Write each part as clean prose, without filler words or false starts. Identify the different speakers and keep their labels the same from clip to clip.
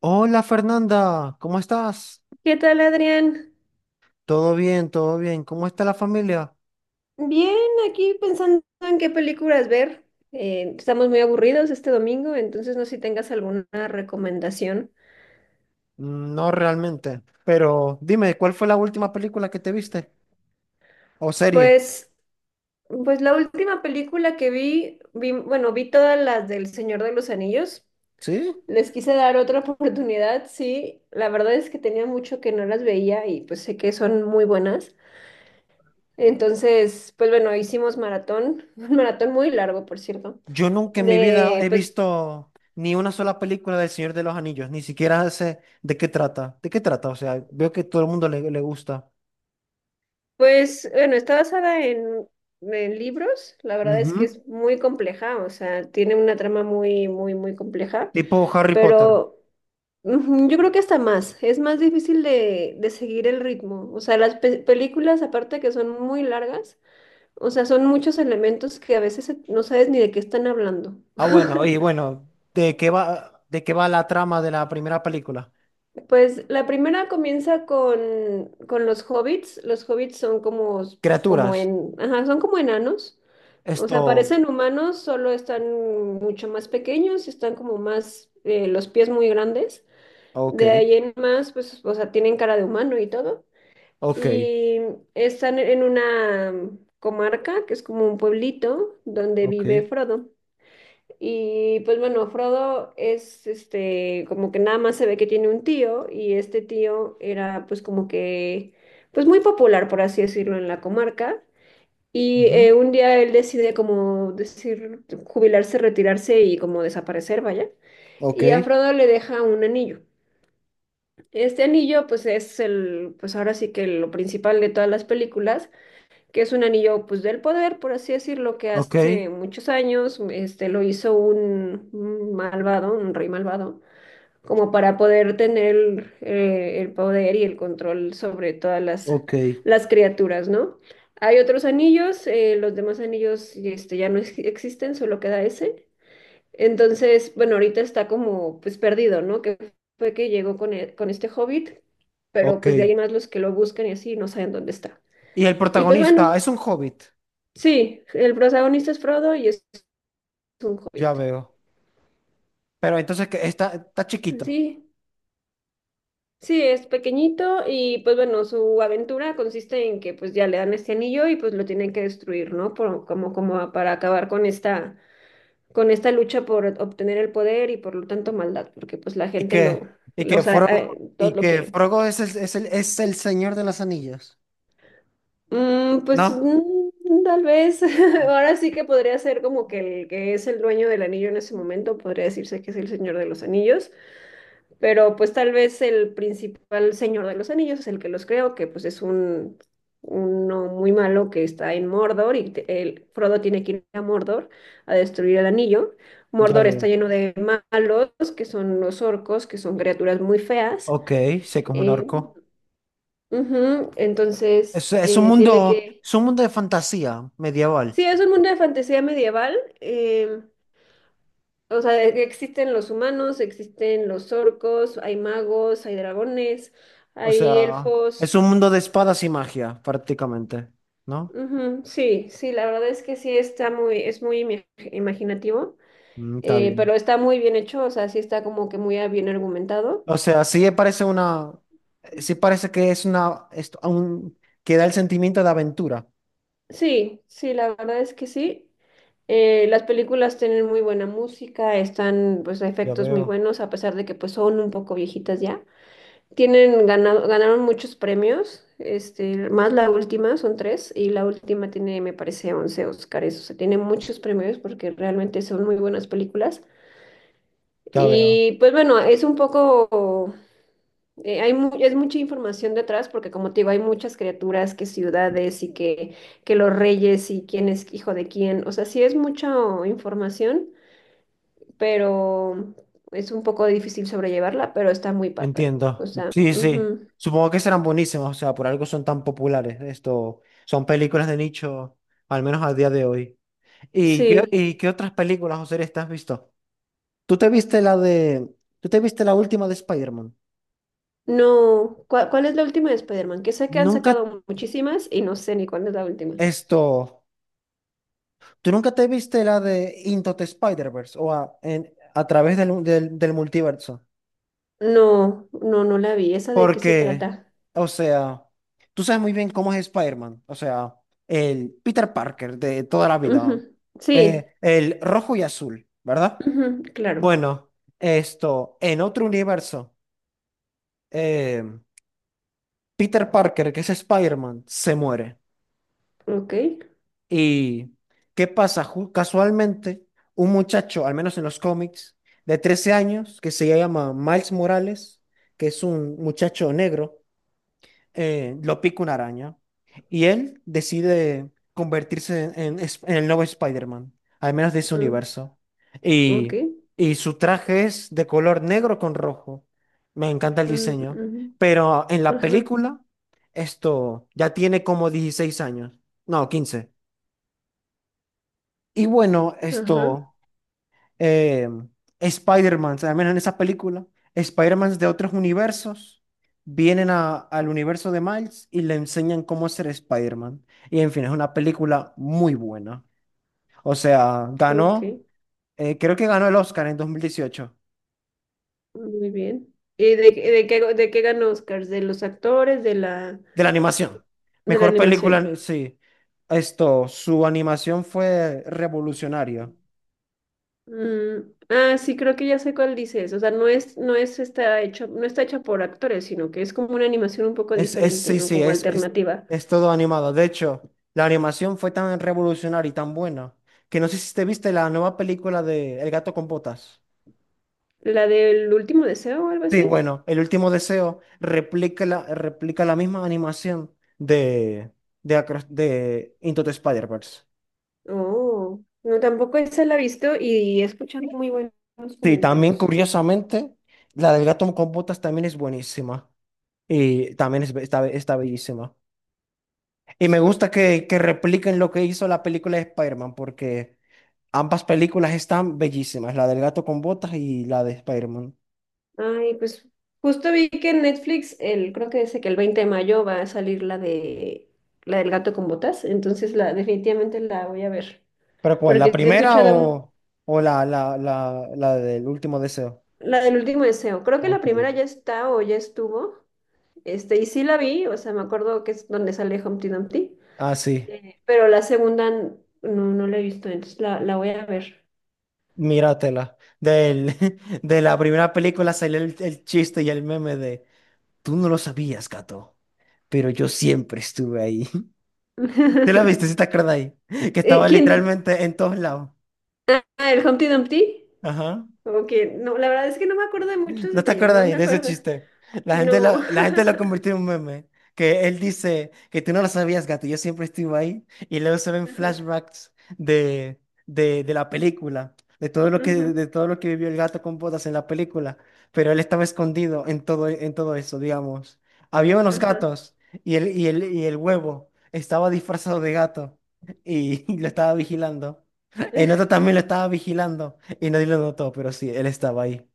Speaker 1: Hola Fernanda, ¿cómo estás?
Speaker 2: ¿Qué tal, Adrián?
Speaker 1: Todo bien, todo bien. ¿Cómo está la familia?
Speaker 2: Bien, aquí pensando en qué películas ver. Estamos muy aburridos este domingo, entonces no sé si tengas alguna recomendación.
Speaker 1: Mm, no realmente. Pero dime, ¿cuál fue la última película que te viste? ¿O serie?
Speaker 2: Pues, pues la última película que vi todas las del Señor de los Anillos.
Speaker 1: ¿Sí?
Speaker 2: Les quise dar otra oportunidad, sí. La verdad es que tenía mucho que no las veía y pues sé que son muy buenas. Entonces, pues bueno, hicimos maratón, un maratón muy largo, por cierto
Speaker 1: Yo nunca en mi vida
Speaker 2: de,
Speaker 1: he
Speaker 2: pues,
Speaker 1: visto ni una sola película del Señor de los Anillos, ni siquiera sé de qué trata. ¿De qué trata? O sea, veo que todo el mundo le gusta.
Speaker 2: Pues bueno, está basada en libros. La verdad es que
Speaker 1: Ujú.
Speaker 2: es muy compleja, o sea, tiene una trama muy, muy, muy compleja,
Speaker 1: Tipo Harry Potter.
Speaker 2: pero ujú, yo creo que hasta más, es más difícil de seguir el ritmo. O sea, las películas, aparte que son muy largas, o sea, son muchos elementos que a veces no sabes ni de qué están hablando.
Speaker 1: Ah, bueno, y bueno, ¿de qué va la trama de la primera película?
Speaker 2: Pues la primera comienza con los hobbits. Los hobbits son
Speaker 1: Criaturas.
Speaker 2: ajá, son como enanos. O sea,
Speaker 1: Esto,
Speaker 2: parecen humanos, solo están mucho más pequeños, están como más, los pies muy grandes.
Speaker 1: Ok.
Speaker 2: De ahí en más, pues, o sea, tienen cara de humano y todo.
Speaker 1: Ok.
Speaker 2: Y están en una comarca, que es como un pueblito, donde
Speaker 1: Ok.
Speaker 2: vive Frodo. Y pues bueno, Frodo es este, como que nada más se ve que tiene un tío, y este tío era pues como que, pues muy popular, por así decirlo, en la comarca. Y
Speaker 1: Ujú.
Speaker 2: un día él decide, como decir, jubilarse, retirarse y como desaparecer, vaya.
Speaker 1: Ok,
Speaker 2: Y a Frodo le deja un anillo. Este anillo pues es el, pues ahora sí que lo principal de todas las películas, que es un anillo pues del poder, por así decirlo, que
Speaker 1: ok,
Speaker 2: hace muchos años este, lo hizo un malvado, un rey malvado, como para poder tener el poder y el control sobre todas
Speaker 1: ok.
Speaker 2: las criaturas, ¿no? Hay otros anillos, los demás anillos este, ya no existen, solo queda ese. Entonces, bueno, ahorita está como pues perdido, ¿no? Que fue que llegó con este hobbit, pero
Speaker 1: Ok.
Speaker 2: pues de ahí en más los que lo buscan y así no saben dónde está.
Speaker 1: Y el
Speaker 2: Y pues
Speaker 1: protagonista
Speaker 2: bueno,
Speaker 1: es un hobbit,
Speaker 2: sí, el protagonista es Frodo y es un
Speaker 1: ya
Speaker 2: hobbit.
Speaker 1: veo. Pero entonces que está chiquito.
Speaker 2: Sí, sí, es pequeñito y pues bueno, su aventura consiste en que pues ya le dan este anillo y pues lo tienen que destruir, ¿no? Como, como para acabar con esta lucha por obtener el poder y por lo tanto maldad, porque pues la
Speaker 1: Y
Speaker 2: gente
Speaker 1: que, y
Speaker 2: o
Speaker 1: que
Speaker 2: sea,
Speaker 1: Frodo, y
Speaker 2: todos lo
Speaker 1: que
Speaker 2: quieren.
Speaker 1: Frogo es el señor de las anillas,
Speaker 2: Mm, pues
Speaker 1: ¿no?
Speaker 2: tal vez, ahora sí que podría ser como que el que es el dueño del anillo en ese momento, podría decirse que es el Señor de los Anillos. Pero pues tal vez el principal señor de los anillos es el que los creó, que pues es un uno muy malo que está en Mordor, y el Frodo tiene que ir a Mordor a destruir el anillo.
Speaker 1: Ya
Speaker 2: Mordor está
Speaker 1: veo.
Speaker 2: lleno de malos, que son los orcos, que son criaturas muy feas.
Speaker 1: Ok, sé como un
Speaker 2: eh,
Speaker 1: orco.
Speaker 2: Ujú,
Speaker 1: Es,
Speaker 2: entonces
Speaker 1: es un
Speaker 2: tiene
Speaker 1: mundo,
Speaker 2: que...
Speaker 1: es un mundo de fantasía medieval.
Speaker 2: Sí, es un mundo de fantasía medieval. O sea, de que existen los humanos, existen los orcos, hay magos, hay dragones.
Speaker 1: O
Speaker 2: Hay
Speaker 1: sea,
Speaker 2: elfos.
Speaker 1: es un mundo de espadas y magia, prácticamente. ¿No?
Speaker 2: Ujú, sí, sí, la verdad es que sí está muy, es muy imaginativo,
Speaker 1: Mm, está bien.
Speaker 2: pero está muy bien hecho, o sea, sí está como que muy bien argumentado.
Speaker 1: O sea, sí parece que es una, que da el sentimiento de aventura.
Speaker 2: Sí, sí, la verdad es que sí. Las películas tienen muy buena música, están pues
Speaker 1: Ya
Speaker 2: efectos muy
Speaker 1: veo,
Speaker 2: buenos, a pesar de que pues son un poco viejitas ya. Tienen ganaron muchos premios, este, más la última, son tres, y la última tiene, me parece, 11 Óscares, o sea, tiene muchos premios porque realmente son muy buenas películas.
Speaker 1: ya veo.
Speaker 2: Y pues bueno, es un poco, es mucha información detrás, porque como te digo, hay muchas criaturas, que ciudades y que los reyes y quién es hijo de quién. O sea, sí es mucha información, pero es un poco difícil sobrellevarla, pero está muy padre. O
Speaker 1: Entiendo.
Speaker 2: sea,
Speaker 1: Sí, sí.
Speaker 2: ujú,
Speaker 1: Supongo que serán buenísimas, o sea, por algo son tan populares. Esto, son películas de nicho, al menos al día de hoy. ¿Y qué,
Speaker 2: sí.
Speaker 1: y qué otras películas o series te has visto? ¿Tú te viste la de, tú te viste la última de Spider-Man?
Speaker 2: No, ¿cuál es la última de Spider-Man? Que sé que han
Speaker 1: Nunca,
Speaker 2: sacado muchísimas y no sé ni cuál es la última.
Speaker 1: esto, ¿tú nunca te viste la de Into the Spider-Verse o a través del multiverso?
Speaker 2: No, no, no la vi. ¿Esa de qué se
Speaker 1: Porque,
Speaker 2: trata?
Speaker 1: o sea, tú sabes muy bien cómo es Spider-Man, o sea, el Peter Parker de toda la vida,
Speaker 2: Ujú, sí,
Speaker 1: el rojo y azul, ¿verdad?
Speaker 2: ujú, claro.
Speaker 1: Bueno, esto, en otro universo, eh, Peter Parker, que es Spider-Man, se muere.
Speaker 2: Ok,
Speaker 1: ¿Y qué pasa? Casualmente, un muchacho, al menos en los cómics, de 13 años, que se llama Miles Morales, que es un muchacho negro, lo pica una araña y él decide convertirse en el nuevo Spider-Man, al menos de ese
Speaker 2: mm,
Speaker 1: universo.
Speaker 2: ok,
Speaker 1: Y, y su traje es de color negro con rojo. Me encanta el
Speaker 2: mm,
Speaker 1: diseño.
Speaker 2: ujú,
Speaker 1: Pero en la
Speaker 2: ajá,
Speaker 1: película, esto ya tiene como 16 años, no, 15. Y bueno,
Speaker 2: ajá,
Speaker 1: esto, eh, Spider-Man, al menos en esa película, Spider-Man de otros universos vienen al universo de Miles y le enseñan cómo ser Spider-Man. Y en fin, es una película muy buena. O sea,
Speaker 2: ok,
Speaker 1: creo que ganó el Oscar en 2018
Speaker 2: muy bien. ¿Y de qué ganó Oscars? ¿De los actores, de la,
Speaker 1: de la animación.
Speaker 2: de la
Speaker 1: Mejor
Speaker 2: animación?
Speaker 1: película, sí. Esto, su animación fue revolucionaria.
Speaker 2: Mm, ah, sí, creo que ya sé cuál dices. O sea, no está hecha por actores, sino que es como una animación un poco diferente,
Speaker 1: Sí,
Speaker 2: ¿no?
Speaker 1: sí,
Speaker 2: Como
Speaker 1: es, es,
Speaker 2: alternativa.
Speaker 1: es todo animado. De hecho, la animación fue tan revolucionaria y tan buena que no sé si te viste la nueva película de El gato con botas.
Speaker 2: ¿La del último deseo o algo
Speaker 1: Sí,
Speaker 2: así?
Speaker 1: bueno, El último deseo replica la misma animación de Into the Spider-Verse.
Speaker 2: Oh, no, tampoco esa la he visto y he escuchado muy buenos
Speaker 1: Sí, también
Speaker 2: comentarios.
Speaker 1: curiosamente, la del gato con botas también es buenísima y también está bellísima. Y me gusta que repliquen lo que hizo la película de Spider-Man porque. Ambas películas están bellísimas, la del gato con botas y la de Spider-Man.
Speaker 2: Ay, pues justo vi que en Netflix, creo que dice que el 20 de mayo va a salir la del gato con botas, entonces la definitivamente la voy a ver,
Speaker 1: ¿Pero cuál? ¿La
Speaker 2: porque sí he
Speaker 1: primera
Speaker 2: escuchado
Speaker 1: o, o la del último deseo?
Speaker 2: la del último deseo. Creo que la
Speaker 1: Ok.
Speaker 2: primera ya está o ya estuvo, este, y sí la vi, o sea, me acuerdo que es donde sale Humpty Dumpty,
Speaker 1: Ah, sí,
Speaker 2: pero la segunda no, no la he visto, entonces la voy a ver.
Speaker 1: míratela. Del, de la primera película salió el chiste y el meme de: "Tú no lo sabías, gato, pero yo siempre estuve ahí". ¿Te la viste? ¿Sí te acuerdas ahí? Que estaba
Speaker 2: ¿Quién?
Speaker 1: literalmente en todos lados.
Speaker 2: Ah, el Humpty Dumpty.
Speaker 1: Ajá.
Speaker 2: Como que no, la verdad es que no me acuerdo de muchos
Speaker 1: ¿No te
Speaker 2: detalles,
Speaker 1: acuerdas
Speaker 2: no me
Speaker 1: de ese
Speaker 2: acuerdo.
Speaker 1: chiste? La gente lo,
Speaker 2: No.
Speaker 1: la gente lo convirtió en un meme. Que él dice que tú no lo sabías, gato, yo siempre estuve ahí. Y luego se ven
Speaker 2: Ajá,
Speaker 1: flashbacks de la película, de todo lo que,
Speaker 2: ujú,
Speaker 1: de todo lo que vivió el gato con botas en la película. Pero él estaba escondido en todo eso, digamos. Había unos
Speaker 2: ajá.
Speaker 1: gatos y el huevo estaba disfrazado de gato y, y lo estaba vigilando. El otro también lo estaba vigilando y nadie lo notó, pero sí, él estaba ahí.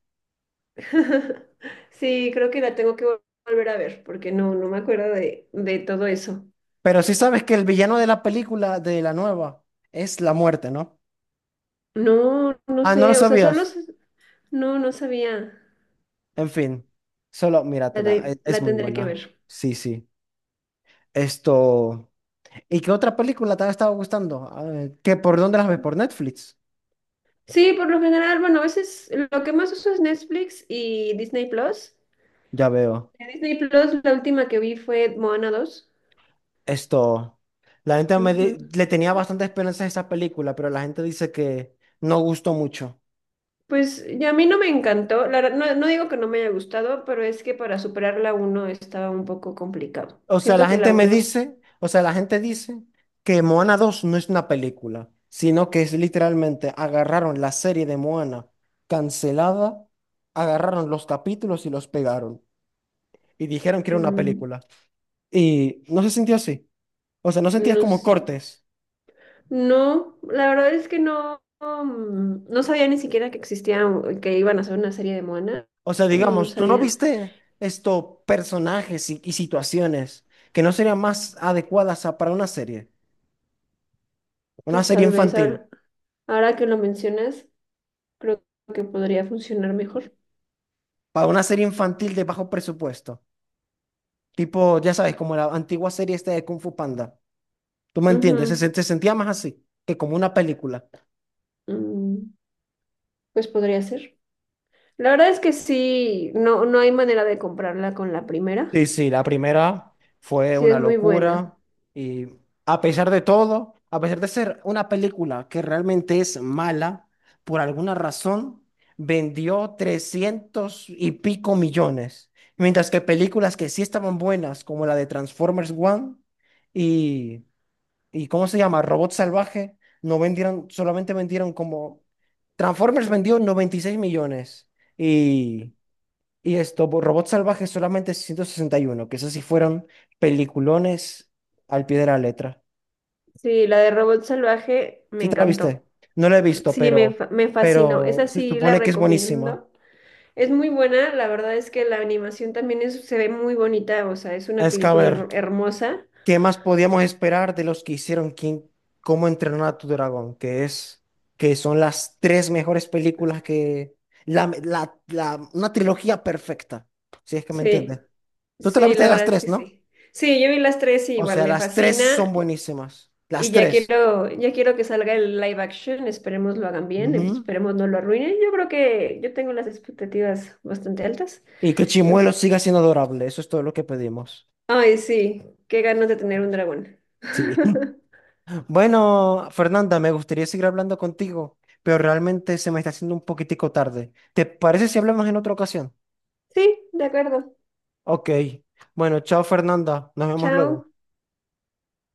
Speaker 2: Sí, creo que la tengo que volver a ver, porque no, no me acuerdo de todo eso.
Speaker 1: Pero sí sabes que el villano de la película, de la nueva, es la muerte, ¿no?
Speaker 2: No, no
Speaker 1: Ah, ¿no lo
Speaker 2: sé, o sea,
Speaker 1: sabías?
Speaker 2: no, no sabía.
Speaker 1: En fin, solo míratela, es
Speaker 2: La
Speaker 1: muy
Speaker 2: tendré que ver.
Speaker 1: buena. Sí, sí. Esto. ¿Y qué otra película te ha estado gustando? Ah, por dónde las ves? ¿Por Netflix?
Speaker 2: Sí, por lo general, bueno, a veces lo que más uso es Netflix y Disney Plus.
Speaker 1: Ya veo.
Speaker 2: De Disney Plus, la última que vi fue Moana 2.
Speaker 1: Esto. La gente me di- Le tenía bastante esperanza a esa película, pero la gente dice que no gustó mucho.
Speaker 2: Pues ya a mí no me encantó, la verdad, no, no digo que no me haya gustado, pero es que para superar la 1 estaba un poco complicado.
Speaker 1: O sea,
Speaker 2: Siento
Speaker 1: la
Speaker 2: que la
Speaker 1: gente me
Speaker 2: uno, es,
Speaker 1: dice, o sea, la gente dice que Moana 2 no es una película, sino que es literalmente agarraron la serie de Moana cancelada, agarraron los capítulos y los pegaron y dijeron que era una
Speaker 2: mm,
Speaker 1: película. Y no se sintió así. O sea, no sentías
Speaker 2: no,
Speaker 1: como
Speaker 2: sé,
Speaker 1: cortes.
Speaker 2: no, la verdad es que no, no sabía ni siquiera que existía, o que iban a hacer una serie de Moana,
Speaker 1: O sea,
Speaker 2: no, no
Speaker 1: digamos, tú no
Speaker 2: sabía.
Speaker 1: viste estos personajes y situaciones que no serían más adecuadas para una
Speaker 2: Pues
Speaker 1: serie
Speaker 2: tal vez
Speaker 1: infantil,
Speaker 2: ahora, ahora que lo mencionas, creo que podría funcionar mejor.
Speaker 1: para una serie infantil de bajo presupuesto. Tipo, ya sabes, como la antigua serie esta de Kung Fu Panda. ¿Tú me entiendes? Se,
Speaker 2: Ujú,
Speaker 1: se se sentía más así que como una película.
Speaker 2: mm, pues podría ser. La verdad es que sí, no, no hay manera de comprarla con la primera.
Speaker 1: Sí, sí, la primera fue
Speaker 2: Sí,
Speaker 1: una
Speaker 2: es muy buena.
Speaker 1: locura y a pesar de todo, a pesar de ser una película que realmente es mala, por alguna razón vendió 300 y pico millones, mientras que películas que sí estaban buenas, como la de Transformers One. Y ¿Y ¿cómo se llama? Robot Salvaje. No vendieron, solamente vendieron como. Transformers vendió 96 millones y, y Robot Salvaje solamente 161, que esas sí fueron peliculones al pie de la letra.
Speaker 2: Sí, la de Robot Salvaje me
Speaker 1: ¿Sí te la viste?
Speaker 2: encantó.
Speaker 1: No la he visto,
Speaker 2: Sí, me,
Speaker 1: pero,
Speaker 2: me fascinó.
Speaker 1: pero
Speaker 2: Esa
Speaker 1: se
Speaker 2: sí la
Speaker 1: supone que es buenísima.
Speaker 2: recomiendo. Es muy buena, la verdad es que la animación también se ve muy bonita, o sea, es una
Speaker 1: Es que a
Speaker 2: película
Speaker 1: ver.
Speaker 2: hermosa.
Speaker 1: ¿Qué más podíamos esperar de los que hicieron Cómo entrenar a tu dragón? Que son las tres mejores películas, que, la- una trilogía perfecta, si es que me
Speaker 2: Sí,
Speaker 1: entiendes. Tú te la
Speaker 2: sí,
Speaker 1: viste
Speaker 2: la
Speaker 1: de las
Speaker 2: verdad es
Speaker 1: tres,
Speaker 2: que
Speaker 1: ¿no?
Speaker 2: sí. Sí, yo vi las tres y
Speaker 1: O
Speaker 2: igual
Speaker 1: sea,
Speaker 2: me
Speaker 1: las tres son
Speaker 2: fascina,
Speaker 1: buenísimas, las
Speaker 2: y
Speaker 1: tres.
Speaker 2: ya quiero que salga el live action, esperemos lo hagan bien,
Speaker 1: Ujú.
Speaker 2: esperemos no lo arruinen. Yo creo que yo tengo las expectativas bastante altas.
Speaker 1: Y que Chimuelo
Speaker 2: Entonces...
Speaker 1: siga siendo adorable, eso es todo lo que pedimos.
Speaker 2: Ay, sí, qué ganas de tener un dragón.
Speaker 1: Sí. Bueno, Fernanda, me gustaría seguir hablando contigo, pero realmente se me está haciendo un poquitico tarde. ¿Te parece si hablamos en otra ocasión?
Speaker 2: Sí, de acuerdo.
Speaker 1: Ok. Bueno, chao Fernanda. Nos vemos luego.
Speaker 2: Chao.